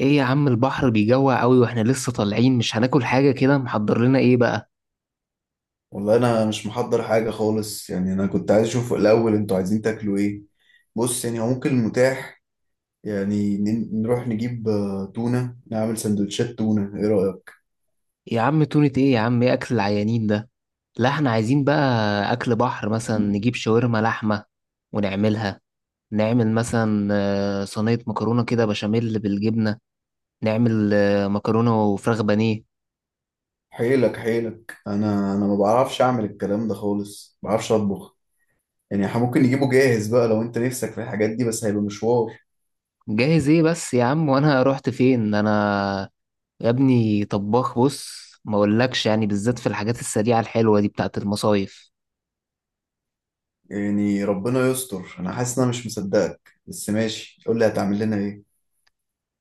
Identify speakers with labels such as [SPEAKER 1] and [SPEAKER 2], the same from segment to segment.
[SPEAKER 1] ايه يا عم، البحر بيجوع قوي واحنا لسه طالعين. مش هناكل حاجة؟ كده محضر لنا ايه بقى؟
[SPEAKER 2] والله انا مش محضر حاجه خالص. يعني انا كنت عايز اشوف الاول، انتوا عايزين تاكلوا ايه؟ بص، يعني هو ممكن المتاح. يعني نروح نجيب تونه، نعمل سندوتشات تونه، ايه رايك؟
[SPEAKER 1] يا عم تونة ايه يا عم، ايه اكل العيانين ده؟ لا احنا عايزين بقى اكل بحر، مثلا نجيب شاورما لحمة ونعملها. نعمل مثلا صينية مكرونة كده بشاميل بالجبنة. نعمل مكرونة وفراخ بانيه.
[SPEAKER 2] حيلك حيلك، انا ما بعرفش اعمل الكلام ده خالص، ما بعرفش اطبخ. يعني إحنا ممكن نجيبه جاهز بقى لو انت نفسك في الحاجات دي، بس هيبقى مشوار.
[SPEAKER 1] جاهز ايه بس يا عم، وانا رحت فين انا؟ يا ابني طباخ، بص ما اقولكش يعني، بالذات في الحاجات السريعة الحلوة دي بتاعت المصايف.
[SPEAKER 2] يعني ربنا يستر، انا حاسس ان انا مش مصدقك، بس ماشي، قول لي هتعمل لنا ايه؟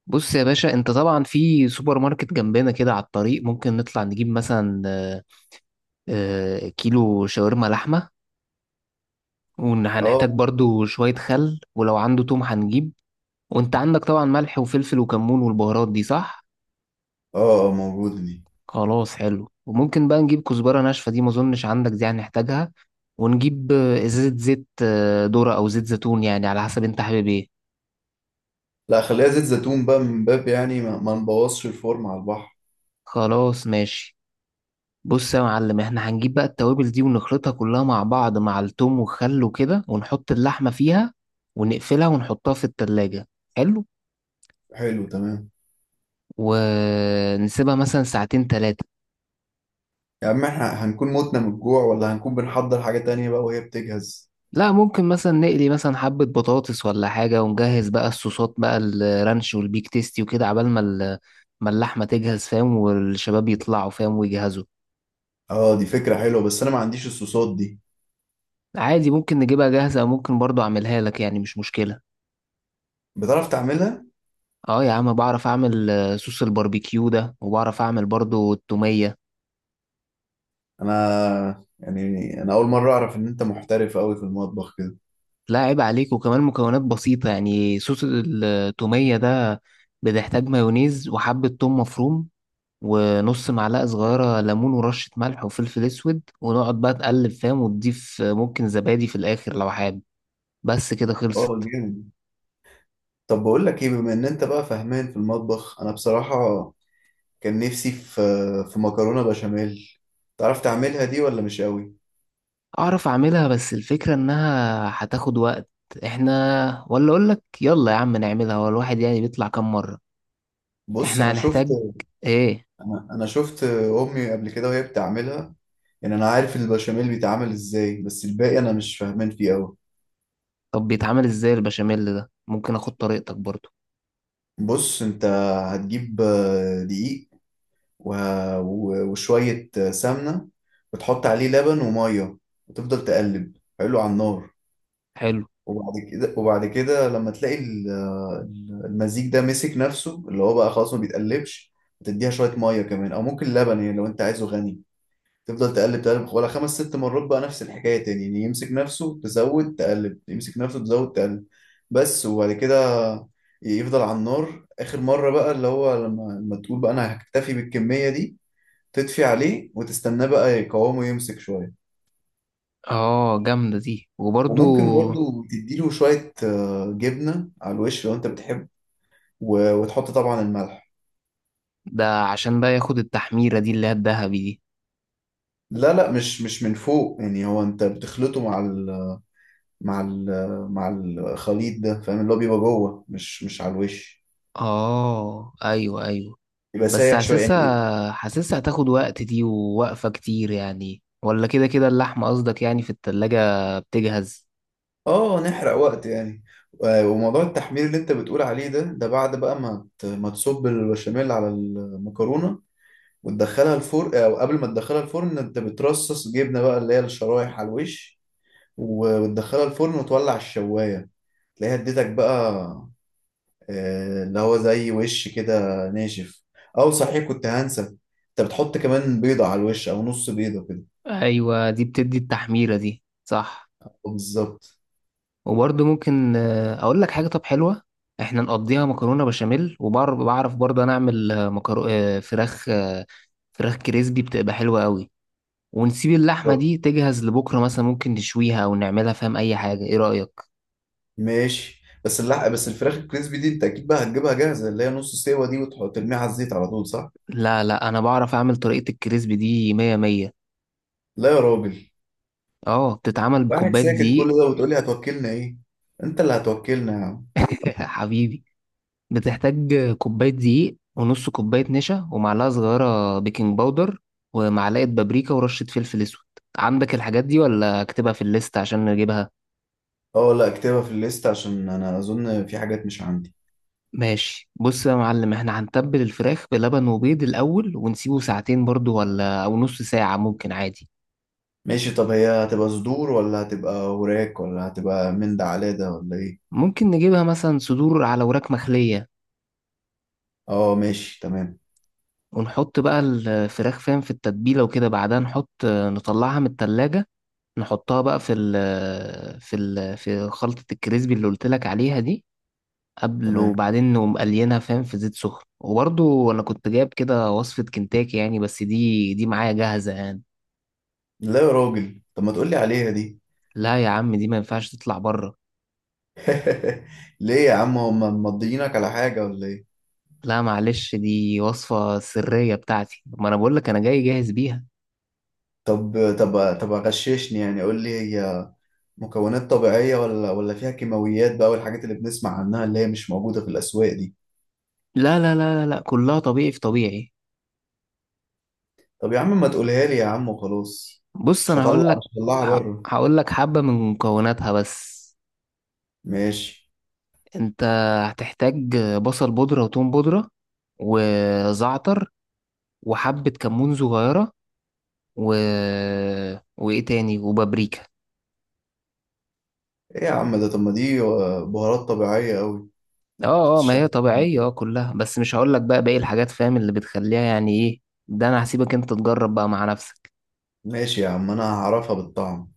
[SPEAKER 1] بص يا باشا، انت طبعا في سوبر ماركت جنبنا كده على الطريق، ممكن نطلع نجيب مثلا كيلو شاورما لحمة.
[SPEAKER 2] اه،
[SPEAKER 1] وهنحتاج برضو شوية خل، ولو عنده توم هنجيب. وانت عندك طبعا ملح وفلفل وكمون والبهارات دي، صح؟
[SPEAKER 2] اه، موجوده دي.
[SPEAKER 1] خلاص حلو. وممكن بقى نجيب كزبرة ناشفة، دي ما اظنش عندك، دي هنحتاجها. ونجيب ازازة زيت، ذرة او زيت زيتون، يعني على حسب انت حابب ايه.
[SPEAKER 2] لا، خليها زيت زيتون بقى، من باب يعني ما نبوظش الفورم على البحر.
[SPEAKER 1] خلاص ماشي. بص يا معلم، احنا هنجيب بقى التوابل دي ونخلطها كلها مع بعض مع التوم والخل وكده، ونحط اللحمة فيها ونقفلها ونحطها في التلاجة. حلو.
[SPEAKER 2] حلو، تمام.
[SPEAKER 1] ونسيبها مثلا ساعتين تلاتة.
[SPEAKER 2] يا عم، احنا هنكون متنا من الجوع، ولا هنكون بنحضر حاجة تانية بقى وهي بتجهز؟
[SPEAKER 1] لا ممكن مثلا نقلي مثلا حبة بطاطس ولا حاجة، ونجهز بقى الصوصات، بقى الرانش والبيك تيستي وكده، عبال ما اللحمة تجهز، فاهم، والشباب يطلعوا فاهم ويجهزوا.
[SPEAKER 2] اه، دي فكرة حلوة، بس انا ما عنديش الصوصات دي.
[SPEAKER 1] عادي، ممكن نجيبها جاهزة أو ممكن برضو أعملها لك، يعني مش مشكلة.
[SPEAKER 2] بتعرف تعملها؟
[SPEAKER 1] اه يا عم، بعرف اعمل صوص الباربيكيو ده، وبعرف اعمل برضو التومية.
[SPEAKER 2] انا يعني انا اول مرة اعرف ان انت محترف قوي في المطبخ كده.
[SPEAKER 1] لا عيب عليك، وكمان مكونات بسيطة يعني. صوص التومية ده بتحتاج مايونيز، وحبة توم مفروم، ونص معلقة صغيرة ليمون، ورشة ملح وفلفل اسود، ونقعد بقى تقلب فاهم، وتضيف ممكن زبادي في الاخر لو حابب. بس كده
[SPEAKER 2] اه،
[SPEAKER 1] خلصت.
[SPEAKER 2] جامد. طب بقول لك ايه، بما ان انت بقى فاهمان في المطبخ، انا بصراحة كان نفسي في مكرونة بشاميل. تعرف تعملها دي ولا مش قوي؟
[SPEAKER 1] اعرف اعملها، بس الفكرة انها هتاخد وقت. احنا ولا اقولك، يلا يا عم نعملها، هو الواحد يعني بيطلع كام مرة.
[SPEAKER 2] بص،
[SPEAKER 1] احنا هنحتاج ايه؟
[SPEAKER 2] انا شفت امي قبل كده وهي بتعملها. يعني انا عارف البشاميل بيتعمل ازاي، بس الباقي انا مش فاهمان فيه قوي.
[SPEAKER 1] طب بيتعمل ازاي البشاميل ده، ممكن اخد طريقتك برضو؟
[SPEAKER 2] بص انت، هتجيب دقيق، وشوية سمنة، وتحط عليه لبن ومية، وتفضل تقلب حلو على النار.
[SPEAKER 1] حلو.
[SPEAKER 2] وبعد كده لما تلاقي المزيج ده مسك نفسه، اللي هو بقى خلاص ما بيتقلبش، هتديها شوية مية كمان او ممكن لبن، يعني لو انت عايزه غني. تفضل تقلب تقلب ولا خمس ست مرات بقى، نفس الحكاية تاني، يعني يمسك نفسه تزود تقلب، يمسك نفسه تزود تقلب. بس. وبعد كده يفضل على النار آخر مرة بقى، اللي هو لما تقول بقى أنا هكتفي بالكمية دي، تطفي عليه وتستناه بقى، يقاومه يمسك شوية.
[SPEAKER 1] اه جامدة دي وبرضو.
[SPEAKER 2] وممكن برضو تديله شوية جبنة على الوش لو أنت بتحب. وتحط طبعا الملح.
[SPEAKER 1] ده عشان بقى ياخد التحميرة دي، اللي هي الذهبي دي.
[SPEAKER 2] لا، لا، مش من فوق. يعني هو أنت بتخلطه مع مع الخليط ده، فاهم؟ اللي هو بيبقى جوه، مش على الوش.
[SPEAKER 1] اه ايوه ايوه.
[SPEAKER 2] يبقى
[SPEAKER 1] بس
[SPEAKER 2] سايح شويه يعني.
[SPEAKER 1] حاسسها حاسسها هتاخد وقت دي ووقفة كتير يعني، ولا كده كده اللحمة قصدك، يعني في التلاجة بتجهز.
[SPEAKER 2] اه، نحرق وقت يعني. وموضوع التحمير اللي انت بتقول عليه ده بعد بقى ما تصب البشاميل على المكرونه وتدخلها الفرن، او قبل ما تدخلها الفرن انت بترصص جبنه بقى اللي هي الشرايح على الوش، وتدخلها الفرن وتولع الشوايه، تلاقيها اديتك بقى اللي هو زي وش كده، ناشف. او صحيح كنت هنسى، انت بتحط كمان بيضة على الوش او نص بيضة كده.
[SPEAKER 1] ايوه دي بتدي التحميرة دي، صح.
[SPEAKER 2] بالظبط.
[SPEAKER 1] وبرضو ممكن اقول لك حاجة، طب حلوة. احنا نقضيها مكرونة بشاميل، وبعرف برضه انا اعمل مكرو... آه، فراخ. فراخ كريسبي بتبقى حلوة قوي. ونسيب اللحمة دي تجهز لبكرة، مثلا ممكن نشويها أو نعملها فاهم أي حاجة، إيه رأيك؟
[SPEAKER 2] ماشي، بس اللحق، بس الفراخ الكريسبي دي انت اكيد بقى هتجيبها جاهزة، اللي هي نص سوا دي، وتحط ترميها على الزيت على طول، صح؟
[SPEAKER 1] لا لا، أنا بعرف أعمل طريقة الكريسبي دي مية مية.
[SPEAKER 2] لا يا راجل.
[SPEAKER 1] أه بتتعمل
[SPEAKER 2] واحد
[SPEAKER 1] بكوباية
[SPEAKER 2] ساكت كل
[SPEAKER 1] دقيق.
[SPEAKER 2] ده وتقول لي هتوكلنا ايه؟ انت اللي هتوكلنا يا عم.
[SPEAKER 1] حبيبي. بتحتاج كوباية دقيق، ونص كوباية نشا، ومعلقة صغيرة بيكنج باودر، ومعلقة بابريكا، ورشة فلفل أسود. عندك الحاجات دي ولا أكتبها في الليست عشان نجيبها؟
[SPEAKER 2] اه، لا، اكتبها في الليست عشان انا اظن في حاجات مش عندي.
[SPEAKER 1] ماشي، بص يا معلم، احنا هنتبل الفراخ بلبن وبيض الأول، ونسيبه ساعتين برضو، ولا أو نص ساعة ممكن عادي.
[SPEAKER 2] ماشي، طب هي هتبقى صدور ولا هتبقى وراك، ولا هتبقى من ده على ده ولا ايه؟
[SPEAKER 1] ممكن نجيبها مثلا صدور على وراك مخلية.
[SPEAKER 2] اه، ماشي، تمام.
[SPEAKER 1] ونحط بقى الفراخ فاهم في التتبيلة وكده، بعدها نحط، نطلعها من التلاجة، نحطها بقى في خلطة الكريسبي اللي قلت لك عليها دي قبل.
[SPEAKER 2] تمام.
[SPEAKER 1] وبعدين نقوم قلينها فاهم في زيت سخن. وبرضو أنا كنت جايب كده وصفة كنتاكي يعني، بس دي معايا جاهزة يعني.
[SPEAKER 2] لا يا راجل، طب ما تقولي عليها دي.
[SPEAKER 1] لا يا عم، دي ما ينفعش تطلع بره.
[SPEAKER 2] ليه يا عم، هم مضيينك على حاجة ولا ايه؟
[SPEAKER 1] لا معلش، دي وصفة سرية بتاعتي، ما انا بقول لك انا جاي جاهز بيها.
[SPEAKER 2] طب، طب، طب، غششني يعني، قول لي هي مكونات طبيعية ولا فيها كيماويات بقى، والحاجات اللي بنسمع عنها اللي هي مش موجودة في الأسواق دي؟
[SPEAKER 1] لا لا لا لا لا، كلها طبيعي في طبيعي.
[SPEAKER 2] طب يا عم ما تقولها لي يا عم وخلاص.
[SPEAKER 1] بص انا هقول
[SPEAKER 2] مش
[SPEAKER 1] لك.
[SPEAKER 2] هطلعها
[SPEAKER 1] ه-
[SPEAKER 2] بره.
[SPEAKER 1] هقول لك حبة من مكوناتها بس.
[SPEAKER 2] ماشي.
[SPEAKER 1] انت هتحتاج بصل بودرة وتوم بودرة، وزعتر، وحبة كمون صغيرة، و... وايه تاني، وبابريكا.
[SPEAKER 2] ايه يا عم، ده طب ما دي بهارات طبيعية أوي.
[SPEAKER 1] اه اه، ما
[SPEAKER 2] بتشتغل
[SPEAKER 1] هي
[SPEAKER 2] يعني.
[SPEAKER 1] طبيعية اه كلها، بس مش هقول لك بقى باقي الحاجات فاهم اللي بتخليها يعني ايه. ده انا هسيبك انت تجرب بقى مع نفسك.
[SPEAKER 2] ماشي يا عم، انا هعرفها بالطعم.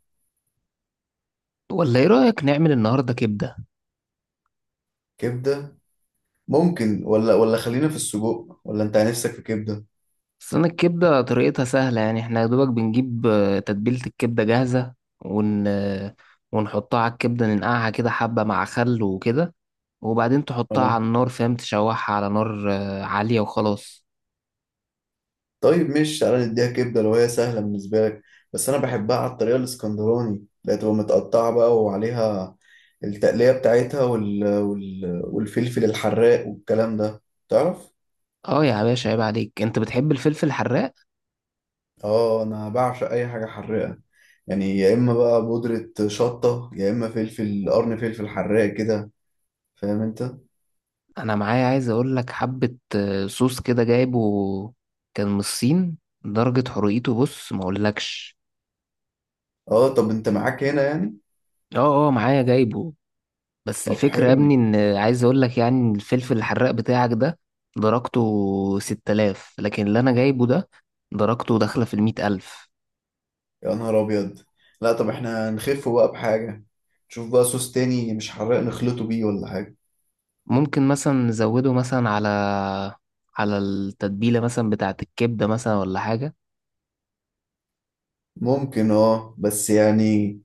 [SPEAKER 1] ولا ايه رأيك نعمل النهاردة كبدة؟
[SPEAKER 2] كبدة؟ ممكن، ولا خلينا في السجق، ولا انت نفسك في كبدة؟
[SPEAKER 1] بس انا الكبده طريقتها سهله يعني، احنا يا دوبك بنجيب تتبيله الكبده جاهزه. ون آه، ونحطها على الكبده، ننقعها كده حبه مع خل وكده، وبعدين تحطها
[SPEAKER 2] اه،
[SPEAKER 1] على النار فاهم، تشوحها على نار عاليه وخلاص.
[SPEAKER 2] طيب، مش تعالى نديها كبده لو هي سهله بالنسبه لك. بس انا بحبها على الطريقه الاسكندراني، اللي هتبقى متقطعه بقى، وعليها التقليه بتاعتها، والفلفل الحراق والكلام ده، تعرف.
[SPEAKER 1] اه يا باشا عيب عليك، انت بتحب الفلفل الحراق.
[SPEAKER 2] اه، انا بعشق اي حاجه حراقه. يعني يا اما بقى بودره شطه، يا اما فلفل قرن، فلفل حراق كده، فاهم انت؟
[SPEAKER 1] انا معايا، عايز اقول لك، حبه صوص كده جايبه، كان من الصين، درجه حرقته بص ما اقولكش.
[SPEAKER 2] اه، طب انت معاك هنا يعني.
[SPEAKER 1] اه اه معايا جايبه. بس
[SPEAKER 2] طب،
[SPEAKER 1] الفكرة يا
[SPEAKER 2] حلو.
[SPEAKER 1] ابني، ان عايز اقول لك يعني، إن الفلفل الحراق بتاعك ده درجته 6000، لكن اللي انا جايبه ده درجته داخلة في 100 ألف.
[SPEAKER 2] يا نهار ابيض. لا، طب احنا نخف بقى بحاجه، نشوف بقى صوص تاني مش حراق نخلطه بيه ولا حاجه.
[SPEAKER 1] ممكن مثلا نزوده مثلا على، على التتبيلة مثلا بتاعة الكبدة، مثلا ولا حاجة.
[SPEAKER 2] ممكن، اه، بس يعني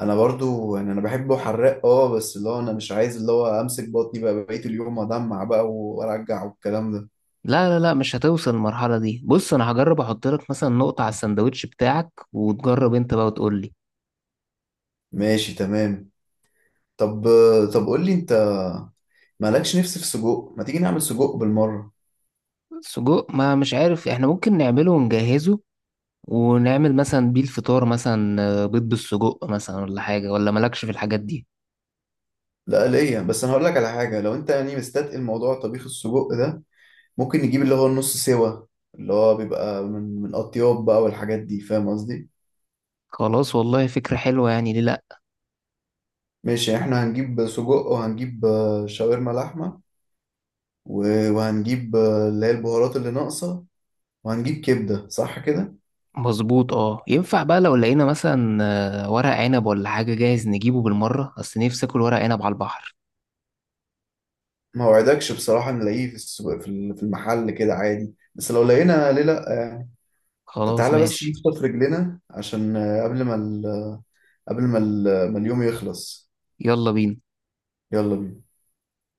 [SPEAKER 2] انا برضو، يعني انا بحبه حراق، اه، بس اللي هو انا مش عايز اللي هو امسك بطني بقى بقية اليوم، ادمع بقى وارجع والكلام ده.
[SPEAKER 1] لا لا لا مش هتوصل المرحلة دي. بص انا هجرب احط لك مثلا نقطة على السندوتش بتاعك، وتجرب انت بقى وتقول لي.
[SPEAKER 2] ماشي، تمام. طب، طب، قول لي انت، مالكش نفس في سجق؟ ما تيجي نعمل سجق بالمرة.
[SPEAKER 1] سجق، ما مش عارف، احنا ممكن نعمله ونجهزه، ونعمل مثلا بيه الفطار مثلا، بيض بالسجق مثلا ولا حاجة، ولا مالكش في الحاجات دي.
[SPEAKER 2] لا، ليا، بس انا هقول لك على حاجة. لو انت يعني مستثقل الموضوع طبيخ السجق ده، ممكن نجيب اللي هو النص سوا، اللي هو بيبقى من اطياب بقى والحاجات دي، فاهم قصدي؟
[SPEAKER 1] خلاص والله فكرة حلوة، يعني ليه لأ.
[SPEAKER 2] ماشي، احنا هنجيب سجق، وهنجيب شاورما لحمة، وهنجيب اللي هي البهارات اللي ناقصة، وهنجيب كبدة، صح كده؟
[SPEAKER 1] مظبوط. اه ينفع بقى لو لقينا مثلا ورق عنب ولا حاجة جاهز، نجيبه بالمرة، أصل نفسي آكل ورق عنب على البحر.
[SPEAKER 2] ما وعدكش بصراحة نلاقيه في السوق، في المحل كده عادي، بس لو لقينا ليه لأ يعني. طب
[SPEAKER 1] خلاص
[SPEAKER 2] تعالى بس
[SPEAKER 1] ماشي.
[SPEAKER 2] نفطر في رجلنا عشان قبل ما ال... قبل ما ال... ما اليوم يخلص.
[SPEAKER 1] يلا بينا.
[SPEAKER 2] يلا بينا.